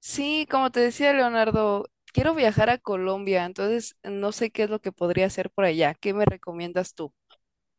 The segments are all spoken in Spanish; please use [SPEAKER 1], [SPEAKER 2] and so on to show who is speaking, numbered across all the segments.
[SPEAKER 1] Sí, como te decía Leonardo, quiero viajar a Colombia, entonces no sé qué es lo que podría hacer por allá. ¿Qué me recomiendas tú?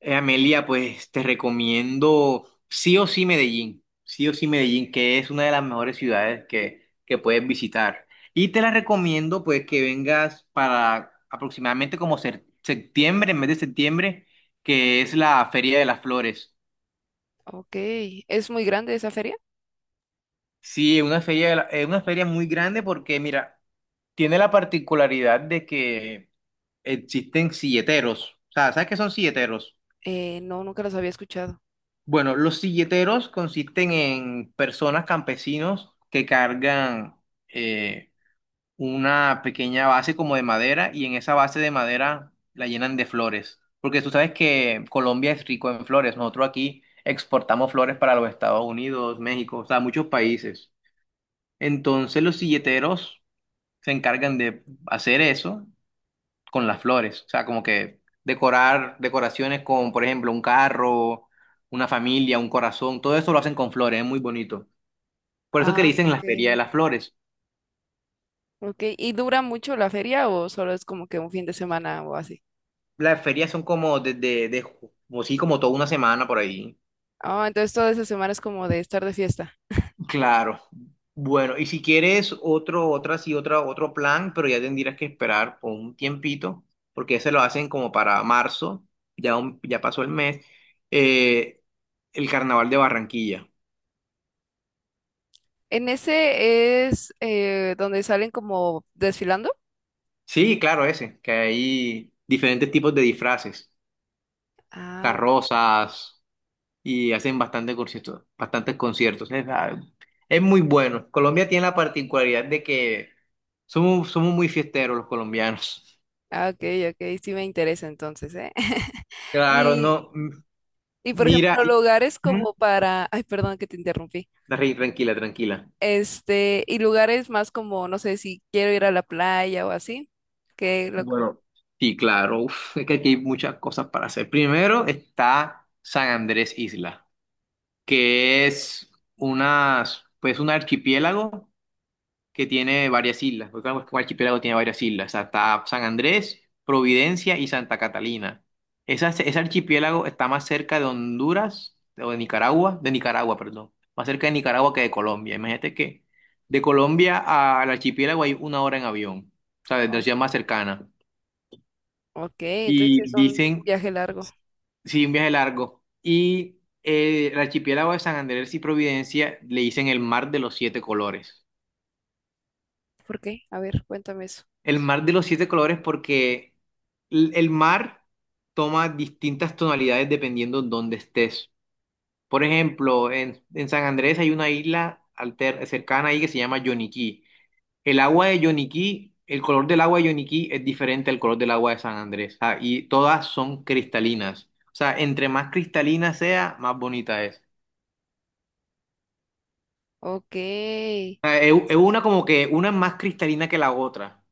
[SPEAKER 2] Amelia, pues te recomiendo sí o sí Medellín, sí o sí Medellín, que es una de las mejores ciudades que puedes visitar. Y te la recomiendo pues que vengas para aproximadamente septiembre, en mes de septiembre, que es la Feria de las Flores.
[SPEAKER 1] Ok, ¿es muy grande esa feria?
[SPEAKER 2] Sí, es una feria muy grande porque, mira, tiene la particularidad de que existen silleteros. O sea, ¿sabes qué son silleteros?
[SPEAKER 1] No, nunca los había escuchado.
[SPEAKER 2] Bueno, los silleteros consisten en personas campesinos que cargan eh, una pequeña base como de madera y en esa base de madera la llenan de flores. Porque tú sabes que Colombia es rico en flores. Nosotros aquí exportamos flores para los Estados Unidos, México, o sea, muchos países. Entonces los silleteros se encargan de hacer eso con las flores, o sea, como que decorar decoraciones con, por ejemplo, un carro, una familia, un corazón, todo eso lo hacen con flores, es muy bonito. Por eso que le
[SPEAKER 1] Ah,
[SPEAKER 2] dicen la
[SPEAKER 1] ok.
[SPEAKER 2] Feria de las Flores.
[SPEAKER 1] Ok, ¿y dura mucho la feria o solo es como que un fin de semana o así?
[SPEAKER 2] Las ferias son como desde, de- ju- como sí, como toda una semana por ahí.
[SPEAKER 1] Ah, entonces toda esa semana es como de estar de fiesta.
[SPEAKER 2] Claro. Bueno, y si quieres otro, otra, sí, otra, otro plan, pero ya tendrías que esperar por un tiempito, porque ese lo hacen como para marzo, ya, ya pasó el mes, eh, el Carnaval de Barranquilla.
[SPEAKER 1] ¿En ese es donde salen como desfilando?
[SPEAKER 2] Sí, claro, ese, que hay diferentes tipos de disfraces,
[SPEAKER 1] Ah, ok,
[SPEAKER 2] carrozas, y hacen bastante conciertos, bastantes conciertos. Es muy bueno. Colombia tiene la particularidad de que somos muy fiesteros los colombianos.
[SPEAKER 1] ah, ok, ok, sí me interesa entonces, ¿eh?
[SPEAKER 2] Claro,
[SPEAKER 1] Y
[SPEAKER 2] no, m-
[SPEAKER 1] Y por
[SPEAKER 2] mira,
[SPEAKER 1] ejemplo,
[SPEAKER 2] y-
[SPEAKER 1] lugares
[SPEAKER 2] Ujú.
[SPEAKER 1] como para, ay, perdón que te interrumpí.
[SPEAKER 2] Darry, tranquila, tranquila.
[SPEAKER 1] Este, y lugares más como, no sé, si quiero ir a la playa o así, que lo...
[SPEAKER 2] Bueno, sí, claro, uf, es que aquí hay muchas cosas para hacer. Primero está San Andrés Isla, que es unas, pues un archipiélago que tiene varias islas, porque claro, es que un archipiélago tiene varias islas, o sea, está San Andrés, Providencia y Santa Catalina. Ese archipiélago está más cerca de Honduras, o de Nicaragua, perdón, más cerca de Nicaragua que de Colombia. Imagínate que de Colombia al archipiélago hay una hora en avión, o sea, desde la
[SPEAKER 1] Ah,
[SPEAKER 2] ciudad más cercana.
[SPEAKER 1] ok, entonces es
[SPEAKER 2] Y
[SPEAKER 1] un
[SPEAKER 2] dicen,
[SPEAKER 1] viaje largo.
[SPEAKER 2] sí, un viaje largo. Y el archipiélago de San Andrés y Providencia le dicen el mar de los siete colores.
[SPEAKER 1] ¿Por qué? A ver, cuéntame eso.
[SPEAKER 2] El mar de los siete colores porque el mar toma distintas tonalidades dependiendo dónde estés. Por ejemplo, en San Andrés hay una isla cercana ahí que se llama Yoniquí. El agua de Yoniquí, el color del agua de Yoniquí es diferente al color del agua de San Andrés. Ah, y todas son cristalinas. O sea, entre más cristalina sea, más bonita es.
[SPEAKER 1] Ok,
[SPEAKER 2] O sea, es una como que una es más cristalina que la otra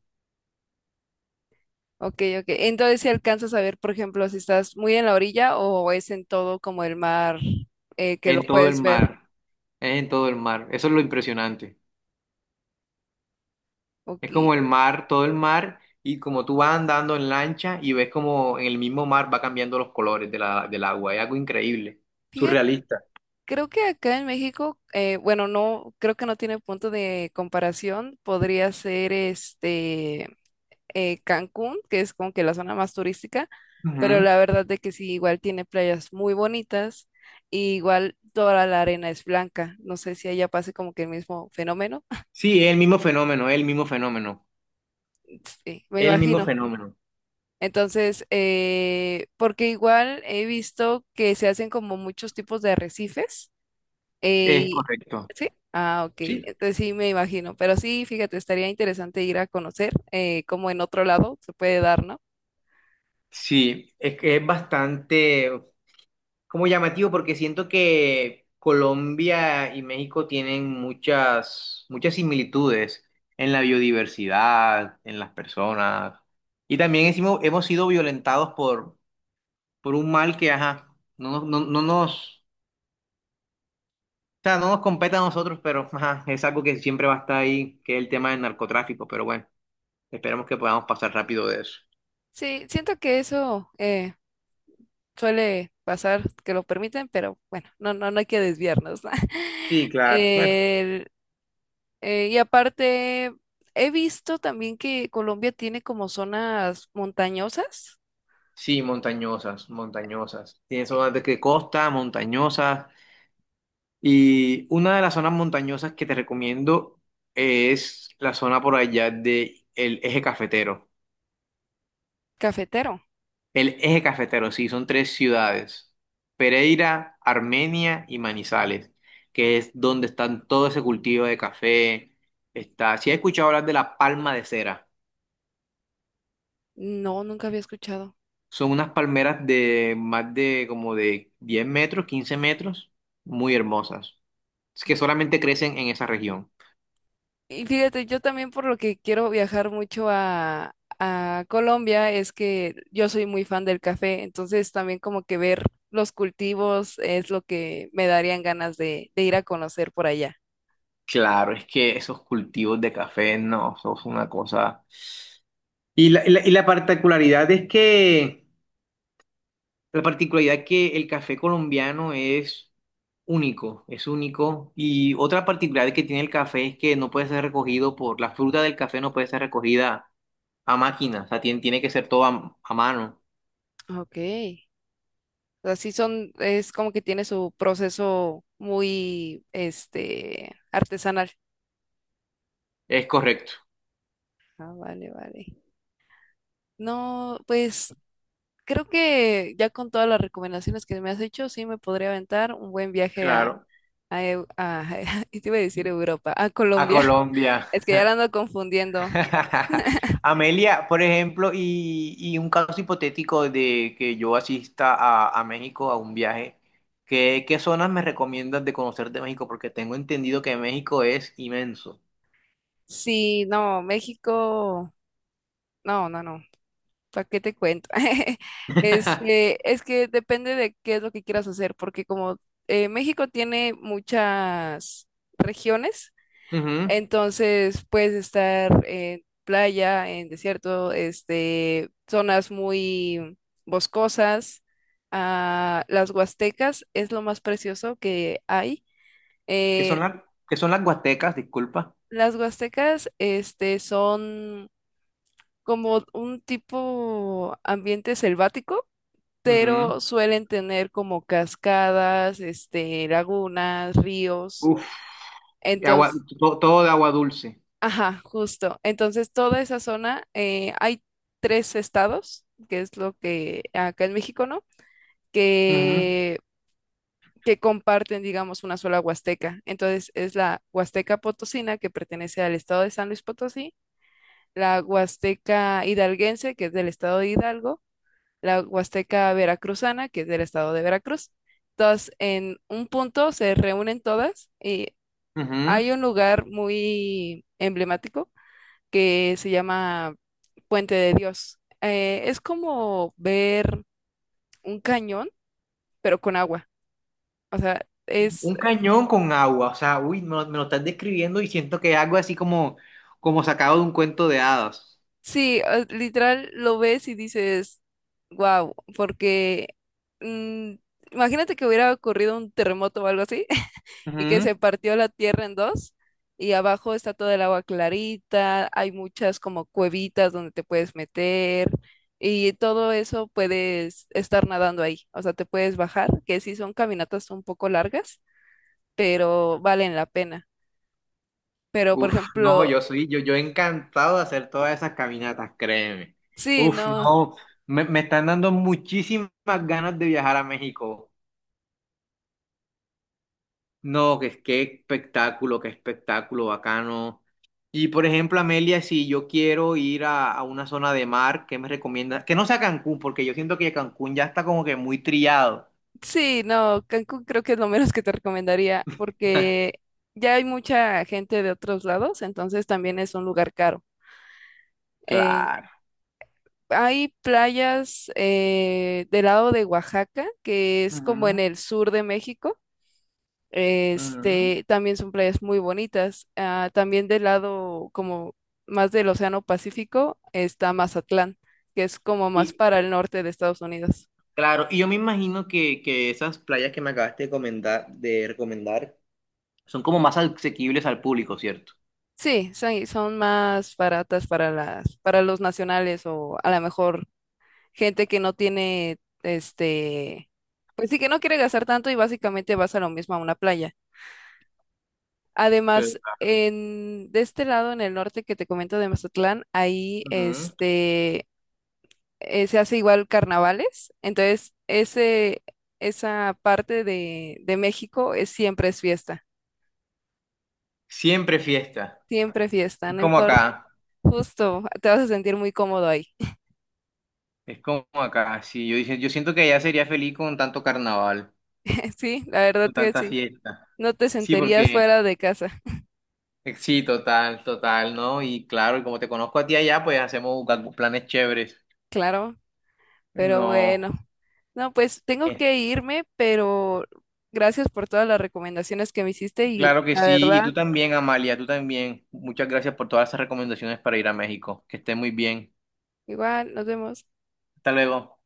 [SPEAKER 1] ok, ok. Entonces si alcanzas a ver, por ejemplo, si estás muy en la orilla o es en todo como el mar, que lo
[SPEAKER 2] en todo el
[SPEAKER 1] puedes ver.
[SPEAKER 2] mar. Es en todo el mar. Eso es lo impresionante.
[SPEAKER 1] Ok.
[SPEAKER 2] Es como el mar, todo el mar, y como tú vas andando en lancha y ves como en el mismo mar va cambiando los colores de la, del agua. Es algo increíble, surrealista.
[SPEAKER 1] Creo que acá en México, bueno, no, creo que no tiene punto de comparación. Podría ser este, Cancún, que es como que la zona más turística, pero
[SPEAKER 2] Ujú.
[SPEAKER 1] la verdad de que sí, igual tiene playas muy bonitas, y igual toda la arena es blanca. No sé si allá pase como que el mismo fenómeno.
[SPEAKER 2] Sí, es el mismo fenómeno, es el mismo fenómeno,
[SPEAKER 1] Sí, me
[SPEAKER 2] es el mismo
[SPEAKER 1] imagino.
[SPEAKER 2] fenómeno.
[SPEAKER 1] Entonces, porque igual he visto que se hacen como muchos tipos de arrecifes.
[SPEAKER 2] Es
[SPEAKER 1] Ey,
[SPEAKER 2] correcto.
[SPEAKER 1] ¿sí? Ah, ok.
[SPEAKER 2] Sí.
[SPEAKER 1] Entonces sí me imagino. Pero sí, fíjate, estaría interesante ir a conocer, cómo en otro lado se puede dar, ¿no?
[SPEAKER 2] Sí, es que es bastante como llamativo porque siento que Colombia y México tienen muchas, muchas similitudes en la biodiversidad, en las personas. Y también hemos sido violentados por un mal que, ajá, no, no nos, o sea, no nos compete a nosotros, pero ajá, es algo que siempre va a estar ahí, que es el tema del narcotráfico. Pero bueno, esperemos que podamos pasar rápido de eso.
[SPEAKER 1] Sí, siento que eso, suele pasar, que lo permiten, pero bueno, no, no, no hay que desviarnos, ¿no?
[SPEAKER 2] Sí, claro. Bueno,
[SPEAKER 1] El- y aparte, he visto también que Colombia tiene como zonas montañosas,
[SPEAKER 2] sí, montañosas, montañosas. Tiene zonas de que costa, montañosas. Y una de las zonas montañosas que te recomiendo es la zona por allá de el Eje Cafetero.
[SPEAKER 1] cafetero.
[SPEAKER 2] El Eje Cafetero, sí, son tres ciudades, Pereira, Armenia y Manizales, que es donde están todo ese cultivo de café. Está, si has escuchado hablar de la palma de cera,
[SPEAKER 1] No, nunca había escuchado.
[SPEAKER 2] son unas palmeras de más de como de 10 metros, 15 metros, muy hermosas, es que solamente crecen en esa región.
[SPEAKER 1] Y fíjate, yo también por lo que quiero viajar mucho a Colombia es que yo soy muy fan del café, entonces también como que ver los cultivos es lo que me darían ganas de ir a conocer por allá.
[SPEAKER 2] Claro, es que esos cultivos de café no, son una cosa. Y la particularidad que el café colombiano es único, es único. Y otra particularidad que tiene el café es que no puede ser recogido por, la fruta del café no puede ser recogida a máquina, o sea, tiene que ser todo a mano.
[SPEAKER 1] Ok, así son, es como que tiene su proceso muy, este, artesanal.
[SPEAKER 2] Es correcto.
[SPEAKER 1] Ah, vale, vale. No, pues creo que ya con todas las recomendaciones que me has hecho, sí me podría aventar un buen viaje a,
[SPEAKER 2] Claro.
[SPEAKER 1] Y te iba a decir Europa, a
[SPEAKER 2] A
[SPEAKER 1] Colombia.
[SPEAKER 2] Colombia.
[SPEAKER 1] Es que ya la ando confundiendo.
[SPEAKER 2] Amelia, por ejemplo, y un caso hipotético de que yo asista a México a un viaje, ¿qué zonas me recomiendas de conocer de México? Porque tengo entendido que México es inmenso.
[SPEAKER 1] Sí, no, México, no, no, no, ¿para qué te cuento? Este, es que depende de qué es lo que quieras hacer, porque como, México tiene muchas regiones.
[SPEAKER 2] Ujú.
[SPEAKER 1] Entonces puedes estar en playa, en desierto, este, zonas muy boscosas. Ah, las huastecas es lo más precioso que hay.
[SPEAKER 2] ¿Qué son
[SPEAKER 1] Eh,
[SPEAKER 2] las, qué son las Huastecas? Disculpa.
[SPEAKER 1] las huastecas, este, son como un tipo ambiente selvático,
[SPEAKER 2] Ujú.
[SPEAKER 1] pero suelen tener como cascadas, este, lagunas, ríos.
[SPEAKER 2] Uf, y agua,
[SPEAKER 1] Entonces,
[SPEAKER 2] todo de agua dulce.
[SPEAKER 1] ajá, justo. Entonces, toda esa zona, hay tres estados, que es lo que acá en México, ¿no?
[SPEAKER 2] Ujú,
[SPEAKER 1] Que, que comparten, digamos, una sola huasteca. Entonces, es la Huasteca Potosina, que pertenece al estado de San Luis Potosí, la Huasteca Hidalguense, que es del estado de Hidalgo, la Huasteca Veracruzana, que es del estado de Veracruz. Entonces, en un punto se reúnen todas y
[SPEAKER 2] ujú.
[SPEAKER 1] hay un lugar muy emblemático que se llama Puente de Dios. Es como ver un cañón, pero con agua. O sea, es,
[SPEAKER 2] Un cañón con agua, o sea, uy, me lo estás describiendo y siento que es algo así como sacado de un cuento de hadas.
[SPEAKER 1] sí, literal lo ves y dices, wow, porque mm, imagínate que hubiera ocurrido un terremoto o algo así, y que se
[SPEAKER 2] Ujú.
[SPEAKER 1] partió la tierra en dos y abajo está todo el agua clarita, hay muchas como cuevitas donde te puedes meter y todo eso puedes estar nadando ahí, o sea, te puedes bajar, que sí son caminatas un poco largas, pero valen la pena. Pero, por
[SPEAKER 2] Uf, no,
[SPEAKER 1] ejemplo,
[SPEAKER 2] yo encantado de hacer todas esas caminatas, créeme.
[SPEAKER 1] sí,
[SPEAKER 2] Uf,
[SPEAKER 1] no,
[SPEAKER 2] no, me están dando muchísimas ganas de viajar a México. No, que qué espectáculo bacano. Y por ejemplo, Amelia, si yo quiero ir a una zona de mar, ¿qué me recomiendas? Que no sea Cancún, porque yo siento que Cancún ya está como que muy trillado.
[SPEAKER 1] sí, no, Cancún creo que es lo menos que te recomendaría porque ya hay mucha gente de otros lados, entonces también es un lugar caro. Eh,
[SPEAKER 2] Claro.
[SPEAKER 1] Hay playas, del lado de Oaxaca, que es como
[SPEAKER 2] Ujú,
[SPEAKER 1] en el sur de México.
[SPEAKER 2] ujú.
[SPEAKER 1] Este, también son playas muy bonitas. Ah, también del lado como más del Océano Pacífico está Mazatlán, que es como más
[SPEAKER 2] Y
[SPEAKER 1] para el norte de Estados Unidos.
[SPEAKER 2] claro, y yo me imagino que esas playas que me acabaste de comentar, de recomendar son como más asequibles al público, ¿cierto?
[SPEAKER 1] Sí, son, son más baratas para las, para los nacionales o a lo mejor gente que no tiene, este, pues sí que no quiere gastar tanto y básicamente vas a lo mismo a una playa.
[SPEAKER 2] Pero,
[SPEAKER 1] Además,
[SPEAKER 2] claro.
[SPEAKER 1] en, de este lado, en el norte que te comento de Mazatlán, ahí
[SPEAKER 2] Ujú.
[SPEAKER 1] este, se hace igual carnavales. Entonces, ese, esa parte de México es, siempre es fiesta,
[SPEAKER 2] Siempre fiesta.
[SPEAKER 1] siempre fiesta,
[SPEAKER 2] Es
[SPEAKER 1] no
[SPEAKER 2] como
[SPEAKER 1] importa.
[SPEAKER 2] acá.
[SPEAKER 1] Justo, te vas a sentir muy cómodo ahí.
[SPEAKER 2] Es como acá. Sí, yo dije, yo siento que allá sería feliz con tanto carnaval,
[SPEAKER 1] Sí, la verdad
[SPEAKER 2] con
[SPEAKER 1] que
[SPEAKER 2] tanta
[SPEAKER 1] sí.
[SPEAKER 2] fiesta.
[SPEAKER 1] No te
[SPEAKER 2] Sí,
[SPEAKER 1] sentirías
[SPEAKER 2] porque
[SPEAKER 1] fuera de casa,
[SPEAKER 2] sí, total, total, ¿no? Y claro, y como te conozco a ti allá, pues hacemos planes chéveres.
[SPEAKER 1] claro, pero
[SPEAKER 2] No.
[SPEAKER 1] bueno. No, pues tengo
[SPEAKER 2] eh,
[SPEAKER 1] que irme, pero gracias por todas las recomendaciones que me hiciste y
[SPEAKER 2] Claro que
[SPEAKER 1] la
[SPEAKER 2] sí, y
[SPEAKER 1] verdad.
[SPEAKER 2] tú también, Amalia, tú también. Muchas gracias por todas esas recomendaciones para ir a México. Que estés muy bien.
[SPEAKER 1] Igual, nos vemos.
[SPEAKER 2] Hasta luego.